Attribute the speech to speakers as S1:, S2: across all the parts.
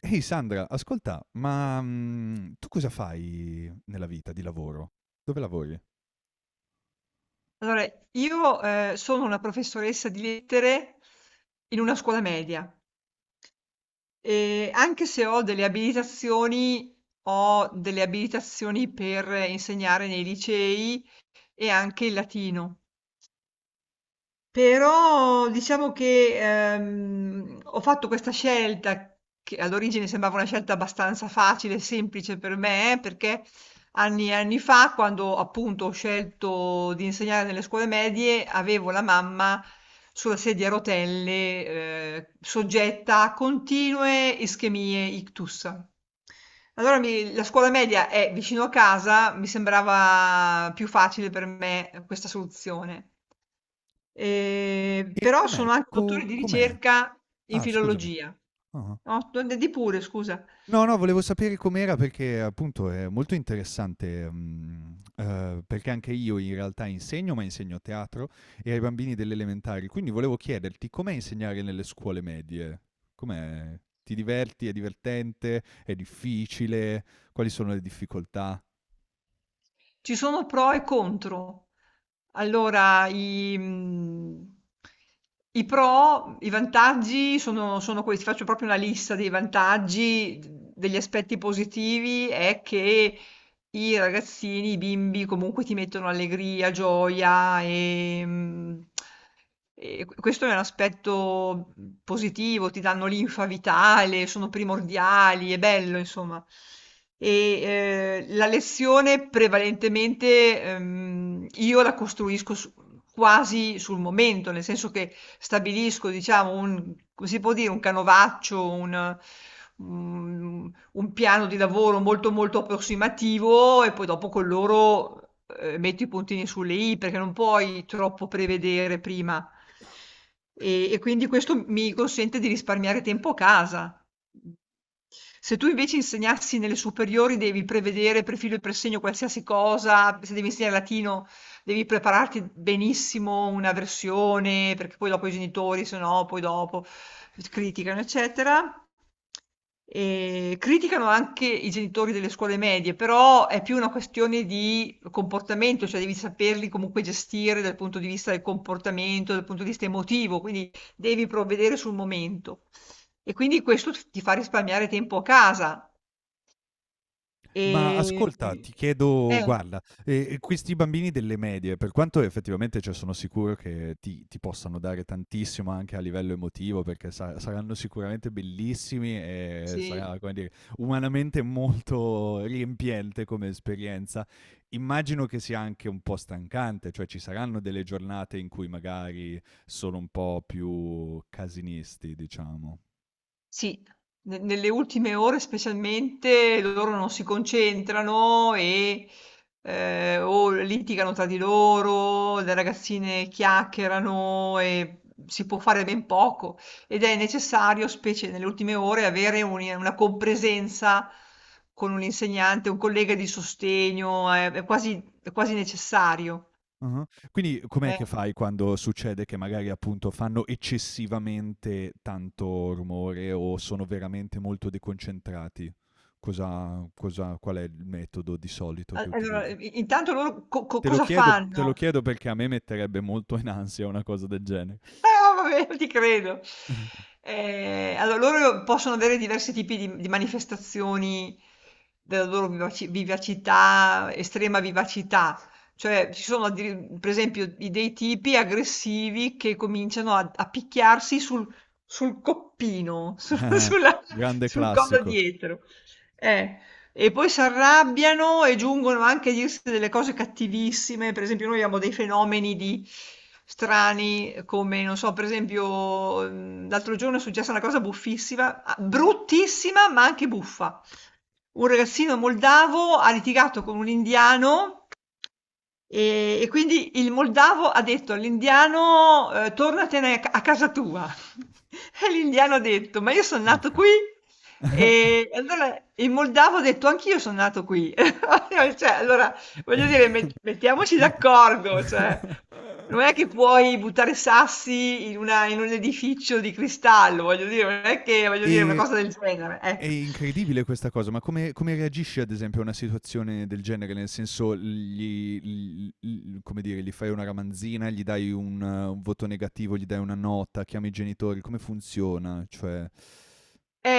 S1: Ehi Sandra, ascolta, ma tu cosa fai nella vita di lavoro? Dove lavori?
S2: Allora, io, sono una professoressa di lettere in una scuola media e anche se ho delle abilitazioni, ho delle abilitazioni per insegnare nei licei e anche il latino. Però diciamo che, ho fatto questa scelta che all'origine sembrava una scelta abbastanza facile e semplice per me, perché anni e anni fa, quando appunto ho scelto di insegnare nelle scuole medie, avevo la mamma sulla sedia a rotelle, soggetta a continue ischemie ictus. La scuola media è vicino a casa, mi sembrava più facile per me questa soluzione.
S1: E
S2: Però
S1: com'è?
S2: sono anche dottore di
S1: Com'è?
S2: ricerca in
S1: Ah, scusami.
S2: filologia.
S1: Ah.
S2: No, d di pure, scusa.
S1: No, no, volevo sapere com'era perché appunto è molto interessante, perché anche io in realtà insegno, ma insegno teatro e ai bambini delle elementari, quindi volevo chiederti com'è insegnare nelle scuole medie? Com'è? Ti diverti? È divertente? È difficile? Quali sono le difficoltà?
S2: Ci sono pro e contro. Allora, i pro, i vantaggi sono questi. Faccio proprio una lista dei vantaggi, d degli aspetti positivi è che, i ragazzini, i bimbi comunque ti mettono allegria, gioia e, e questo è un aspetto positivo, ti danno linfa vitale, sono primordiali, è bello, insomma. La lezione prevalentemente io la costruisco quasi sul momento, nel senso che stabilisco, diciamo, un, come si può dire, un canovaccio, mm, un piano di lavoro molto molto approssimativo e poi dopo con loro metto i puntini sulle i perché non puoi troppo prevedere prima. E quindi questo mi consente di risparmiare tempo a casa. Se tu invece insegnassi nelle superiori devi prevedere profilo e presegno qualsiasi cosa, se devi insegnare latino devi prepararti benissimo una versione, perché poi dopo i genitori, se no, poi dopo criticano, eccetera. Criticano anche i genitori delle scuole medie, però è più una questione di comportamento, cioè devi saperli comunque gestire dal punto di vista del comportamento, dal punto di vista emotivo, quindi devi provvedere sul momento. E quindi questo t ti fa risparmiare tempo a casa.
S1: Ma ascolta,
S2: Ehm
S1: ti chiedo
S2: eh,
S1: guarda, questi bambini delle medie, per quanto effettivamente, cioè, sono sicuro che ti possano dare tantissimo anche a livello emotivo, perché sa saranno sicuramente bellissimi e
S2: sì.
S1: sarà, come dire, umanamente molto riempiente come esperienza. Immagino che sia anche un po' stancante, cioè ci saranno delle giornate in cui magari sono un po' più casinisti, diciamo.
S2: Sì, ne nelle ultime ore specialmente loro non si concentrano e, o litigano tra di loro, le ragazzine chiacchierano e si può fare ben poco ed è necessario, specie nelle ultime ore, avere un una compresenza con un insegnante, un collega di sostegno, è quasi è quasi necessario.
S1: Ah-ah. Quindi com'è
S2: Eh,
S1: che fai quando succede che magari, appunto, fanno eccessivamente tanto rumore o sono veramente molto deconcentrati? Cosa cosa qual è il metodo di solito
S2: a
S1: che
S2: allora
S1: utilizzi?
S2: i intanto loro co co
S1: Te lo
S2: cosa
S1: chiedo te lo
S2: fanno?
S1: chiedo perché a me metterebbe molto in ansia una cosa del genere.
S2: Ah, vabbè, ti credo. Allora, loro possono avere diversi tipi di manifestazioni della loro vivacità, estrema vivacità. Cioè, ci sono, per esempio, dei tipi aggressivi che cominciano a picchiarsi sul coppino,
S1: Ah-ah. Grande
S2: sul collo
S1: classico.
S2: dietro. Eh, e poi si arrabbiano e giungono anche a dirsi delle cose cattivissime. Per esempio, noi abbiamo dei fenomeni di strani, come non so, per esempio, l'altro giorno è successa una cosa buffissima, ah, bruttissima, ma anche buffa. Un ragazzino moldavo ha litigato con un indiano. E quindi il moldavo ha detto all'indiano, "Tornatene a casa tua". E l'indiano ha detto: "Ma io son nato
S1: Urca.
S2: qui". E allora il moldavo ha detto: "Anch'io son nato qui". Cioè, allora
S1: Eh.
S2: voglio dire mettiamoci d'accordo, cioè non è che puoi buttare sassi in una in un edificio di cristallo, voglio dire, non è che voglio dire una
S1: E
S2: cosa del genere,
S1: È
S2: ecco.
S1: incredibile questa cosa, ma come reagisci ad esempio a una situazione del genere? Nel senso gli l l come dire, gli fai una ramanzina, gli dai un voto negativo, gli dai una nota, chiami i genitori, come funziona? Cioè,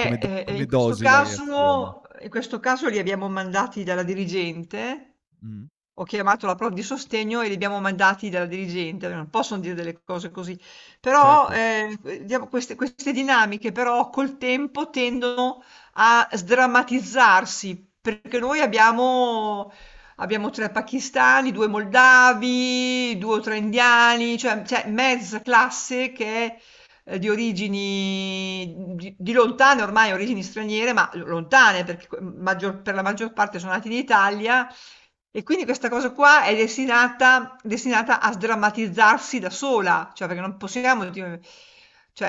S1: come
S2: In questo
S1: dosi la
S2: caso
S1: reazione?
S2: li abbiamo mandati dalla dirigente,
S1: Mh.
S2: ho chiamato la prof di sostegno e li abbiamo mandati dalla dirigente, non possono dire delle cose così. Però,
S1: Certo,
S2: diamo queste dinamiche però col tempo tendono a sdrammatizzarsi, perché noi abbiamo 3 pakistani, 2 moldavi, 2 o 3 indiani, cioè mezza classe che è, di origini di lontane ormai origini straniere, ma l lontane perché co maggior per la maggior parte sono nati in Italia, e quindi questa cosa qua è destinata a sdrammatizzarsi da sola, cioè perché non possiamo di cioè,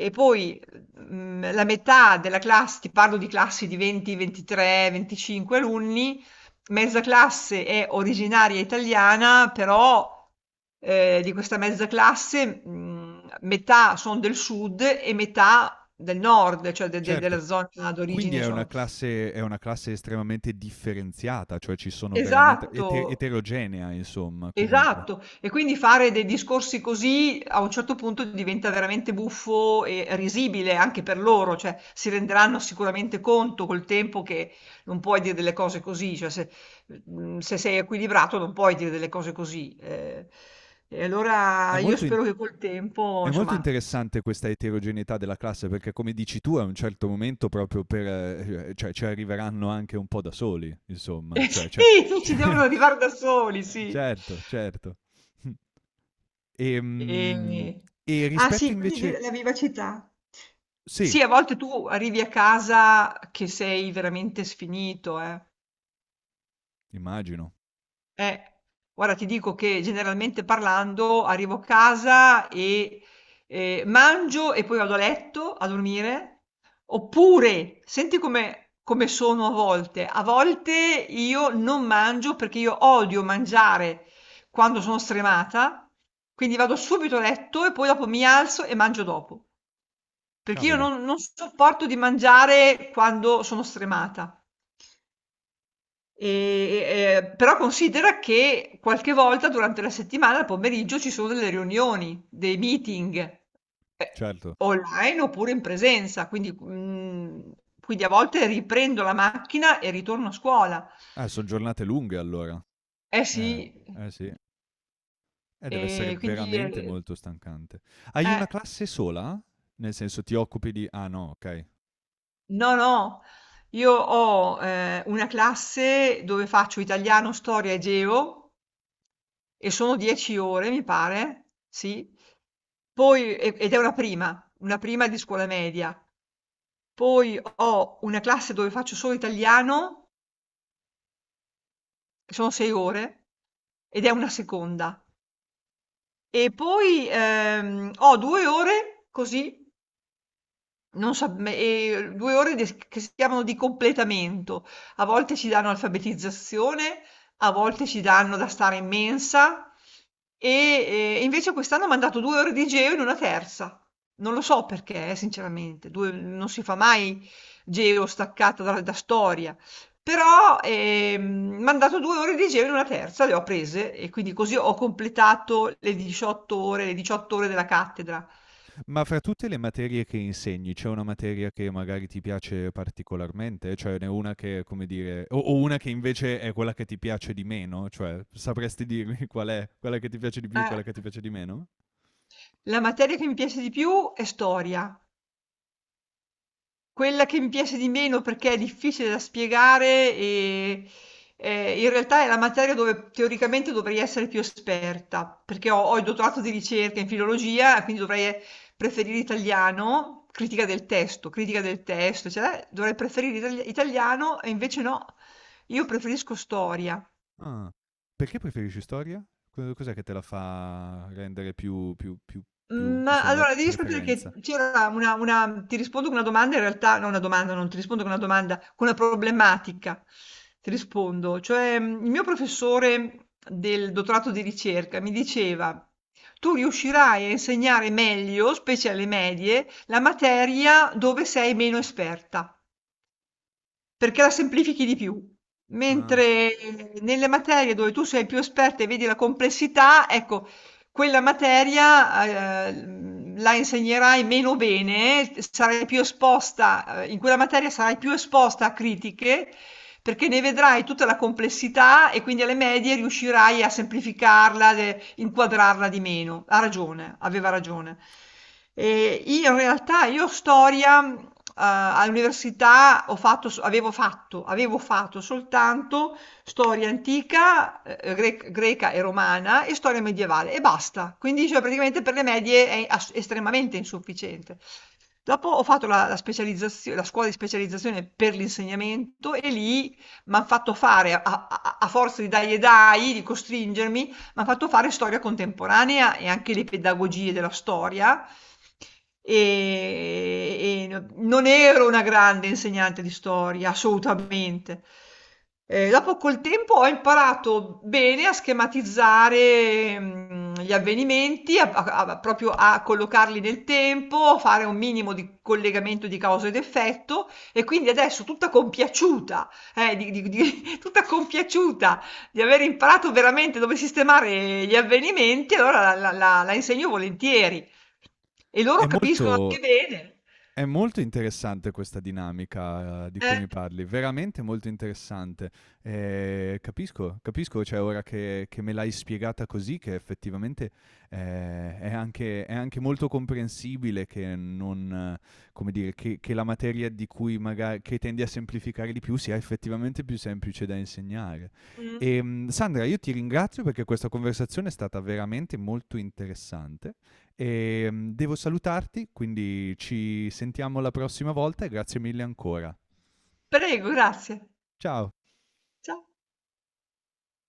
S2: e poi, la metà della classe ti parlo di classi di 20, 23, 25 alunni, mezza classe è originaria italiana, però, di questa mezza classe, metà son del sud e metà del nord, cioè de de
S1: certo.
S2: della zona
S1: Quindi
S2: d'origine,
S1: è una
S2: insomma
S1: classe è una classe estremamente differenziata, cioè ci sono veramente
S2: esatto.
S1: eterogenea insomma, comunque.
S2: Esatto, e quindi fare dei discorsi così a un certo punto diventa veramente buffo e risibile anche per loro, cioè si renderanno sicuramente conto col tempo che non puoi dire delle cose così, cioè se, se sei equilibrato non puoi dire delle cose così. Eh. E
S1: È
S2: allora io
S1: molto in
S2: spero che col tempo,
S1: È molto
S2: insomma,
S1: interessante questa eterogeneità della classe perché come dici tu a un certo momento proprio per cioè ci arriveranno anche un po' da soli, insomma, cioè.
S2: sì, ci devono arrivare da soli, sì.
S1: Certo, certo. Mh. Ehm,
S2: Ehm,
S1: e
S2: ah sì, quindi di la vivacità.
S1: sì,
S2: Sì, a volte tu arrivi a casa che sei veramente sfinito, eh.
S1: immagino.
S2: Eh, guarda, ti dico che generalmente parlando arrivo a casa e mangio e poi vado a letto a dormire, oppure senti come, come sono a volte. A volte io non mangio perché io odio mangiare quando sono stremata, quindi vado subito a letto e poi dopo mi alzo e mangio dopo, perché io
S1: Cavoli,
S2: non sopporto di mangiare quando sono stremata. Però considera che qualche volta durante la settimana al pomeriggio ci sono delle riunioni, dei meeting, eh,
S1: certo.
S2: online oppure in presenza, quindi, quindi a volte riprendo la macchina e ritorno a scuola.
S1: Son giornate lunghe allora.
S2: Eh sì,
S1: Eh, eh sì. Deve essere
S2: e quindi
S1: veramente molto stancante. Hai
S2: eh,
S1: una classe sola? Nel senso ti occupi di ah no, okay.
S2: no, no, io ho, una classe dove faccio italiano, storia e geo. E sono 10 ore mi pare, sì. Poi ed è una prima di scuola media. Poi ho una classe dove faccio solo italiano, che sono 6 ore, ed è una seconda. E poi, ho 2 ore così. Non sa me 2 ore des che si chiamano di completamento. A volte ci danno alfabetizzazione, a volte ci danno da stare in mensa e invece quest'anno m'han dato 2 ore di geo in una terza. Non lo so perché sinceramente, 2 non si fa mai geo staccata da storia, però, m'han dato 2 ore di geo in una terza, le ho prese e quindi così ho completato le 18 ore le 18 ore della cattedra.
S1: Ma fra tutte le materie che insegni, c'è una materia che magari ti piace particolarmente? Cioè ne una che, come dire o una che invece è quella che ti piace di meno? Cioè, sapresti dirmi qual è? Quella che ti piace di più,
S2: Eh.
S1: quella che ti piace di meno?
S2: La materia che mi piace di più è storia. Quella che mi piace di meno perché è difficile da spiegare e in realtà è la materia dove teoricamente dovrei essere più esperta, perché ho il dottorato di ricerca in filologia, quindi dovrei preferire italiano, critica del testo, cioè dovrei preferire italiano e invece no, io preferisco storia.
S1: Ah. Perché preferisci storia? Co Cos'è che te la fa rendere più
S2: Mhmm, ma
S1: insomma la
S2: allora devi sapere che
S1: preferenza?
S2: c'era una ti rispondo con una domanda in realtà no, una domanda, non ti rispondo con una domanda, con una problematica ti rispondo. Cioè, il mio professore del dottorato di ricerca mi diceva: "Tu riuscirai a insegnare meglio, specie alle medie, la materia dove sei meno esperta". Perché la semplifichi di più.
S1: Ah.
S2: Mentre nelle materie dove tu sei più esperta e vedi la complessità, ecco, quella materia, la insegnerai meno bene, sarai più esposta, in quella materia sarai più esposta a critiche perché ne vedrai tutta la complessità e quindi alle medie riuscirai a semplificarla, inquadrarla di meno. Ha ragione, aveva ragione. E in realtà io storia all'università ho fatto, avevo fatto soltanto storia antica, greca e romana e storia medievale e basta. Quindi cioè, praticamente per le medie è estremamente insufficiente. Dopo ho fatto la la scuola di specializzazione per l'insegnamento e lì m'han fatto fare, a forza di dai e dai, di costringermi, mi hanno fatto fare storia contemporanea e anche le pedagogie della storia. Non ero una grande insegnante di storia, assolutamente. Dopo col tempo ho imparato bene a schematizzare gli avvenimenti, proprio a collocarli nel tempo, fare un minimo di collegamento di causa ed effetto e quindi adesso tutta compiaciuta di tutta compiaciuta di aver imparato veramente dove sistemare gli avvenimenti, allora la insegno volentieri. E
S1: È
S2: loro capiscono anche
S1: molto
S2: bene.
S1: È molto interessante questa dinamica, di cui
S2: Eh,
S1: mi parli, veramente molto interessante. Capisco, capisco, cioè ora che me l'hai spiegata così, che effettivamente, è anche molto comprensibile che non, come dire, che la materia di cui maga che tendi a semplificare di più sia effettivamente più semplice da insegnare.
S2: mh.
S1: Sandra, io ti ringrazio perché questa conversazione è stata veramente molto interessante e devo salutarti, quindi ci sentiamo la prossima volta e grazie mille ancora.
S2: Prego, grazie.
S1: Ciao!
S2: Cia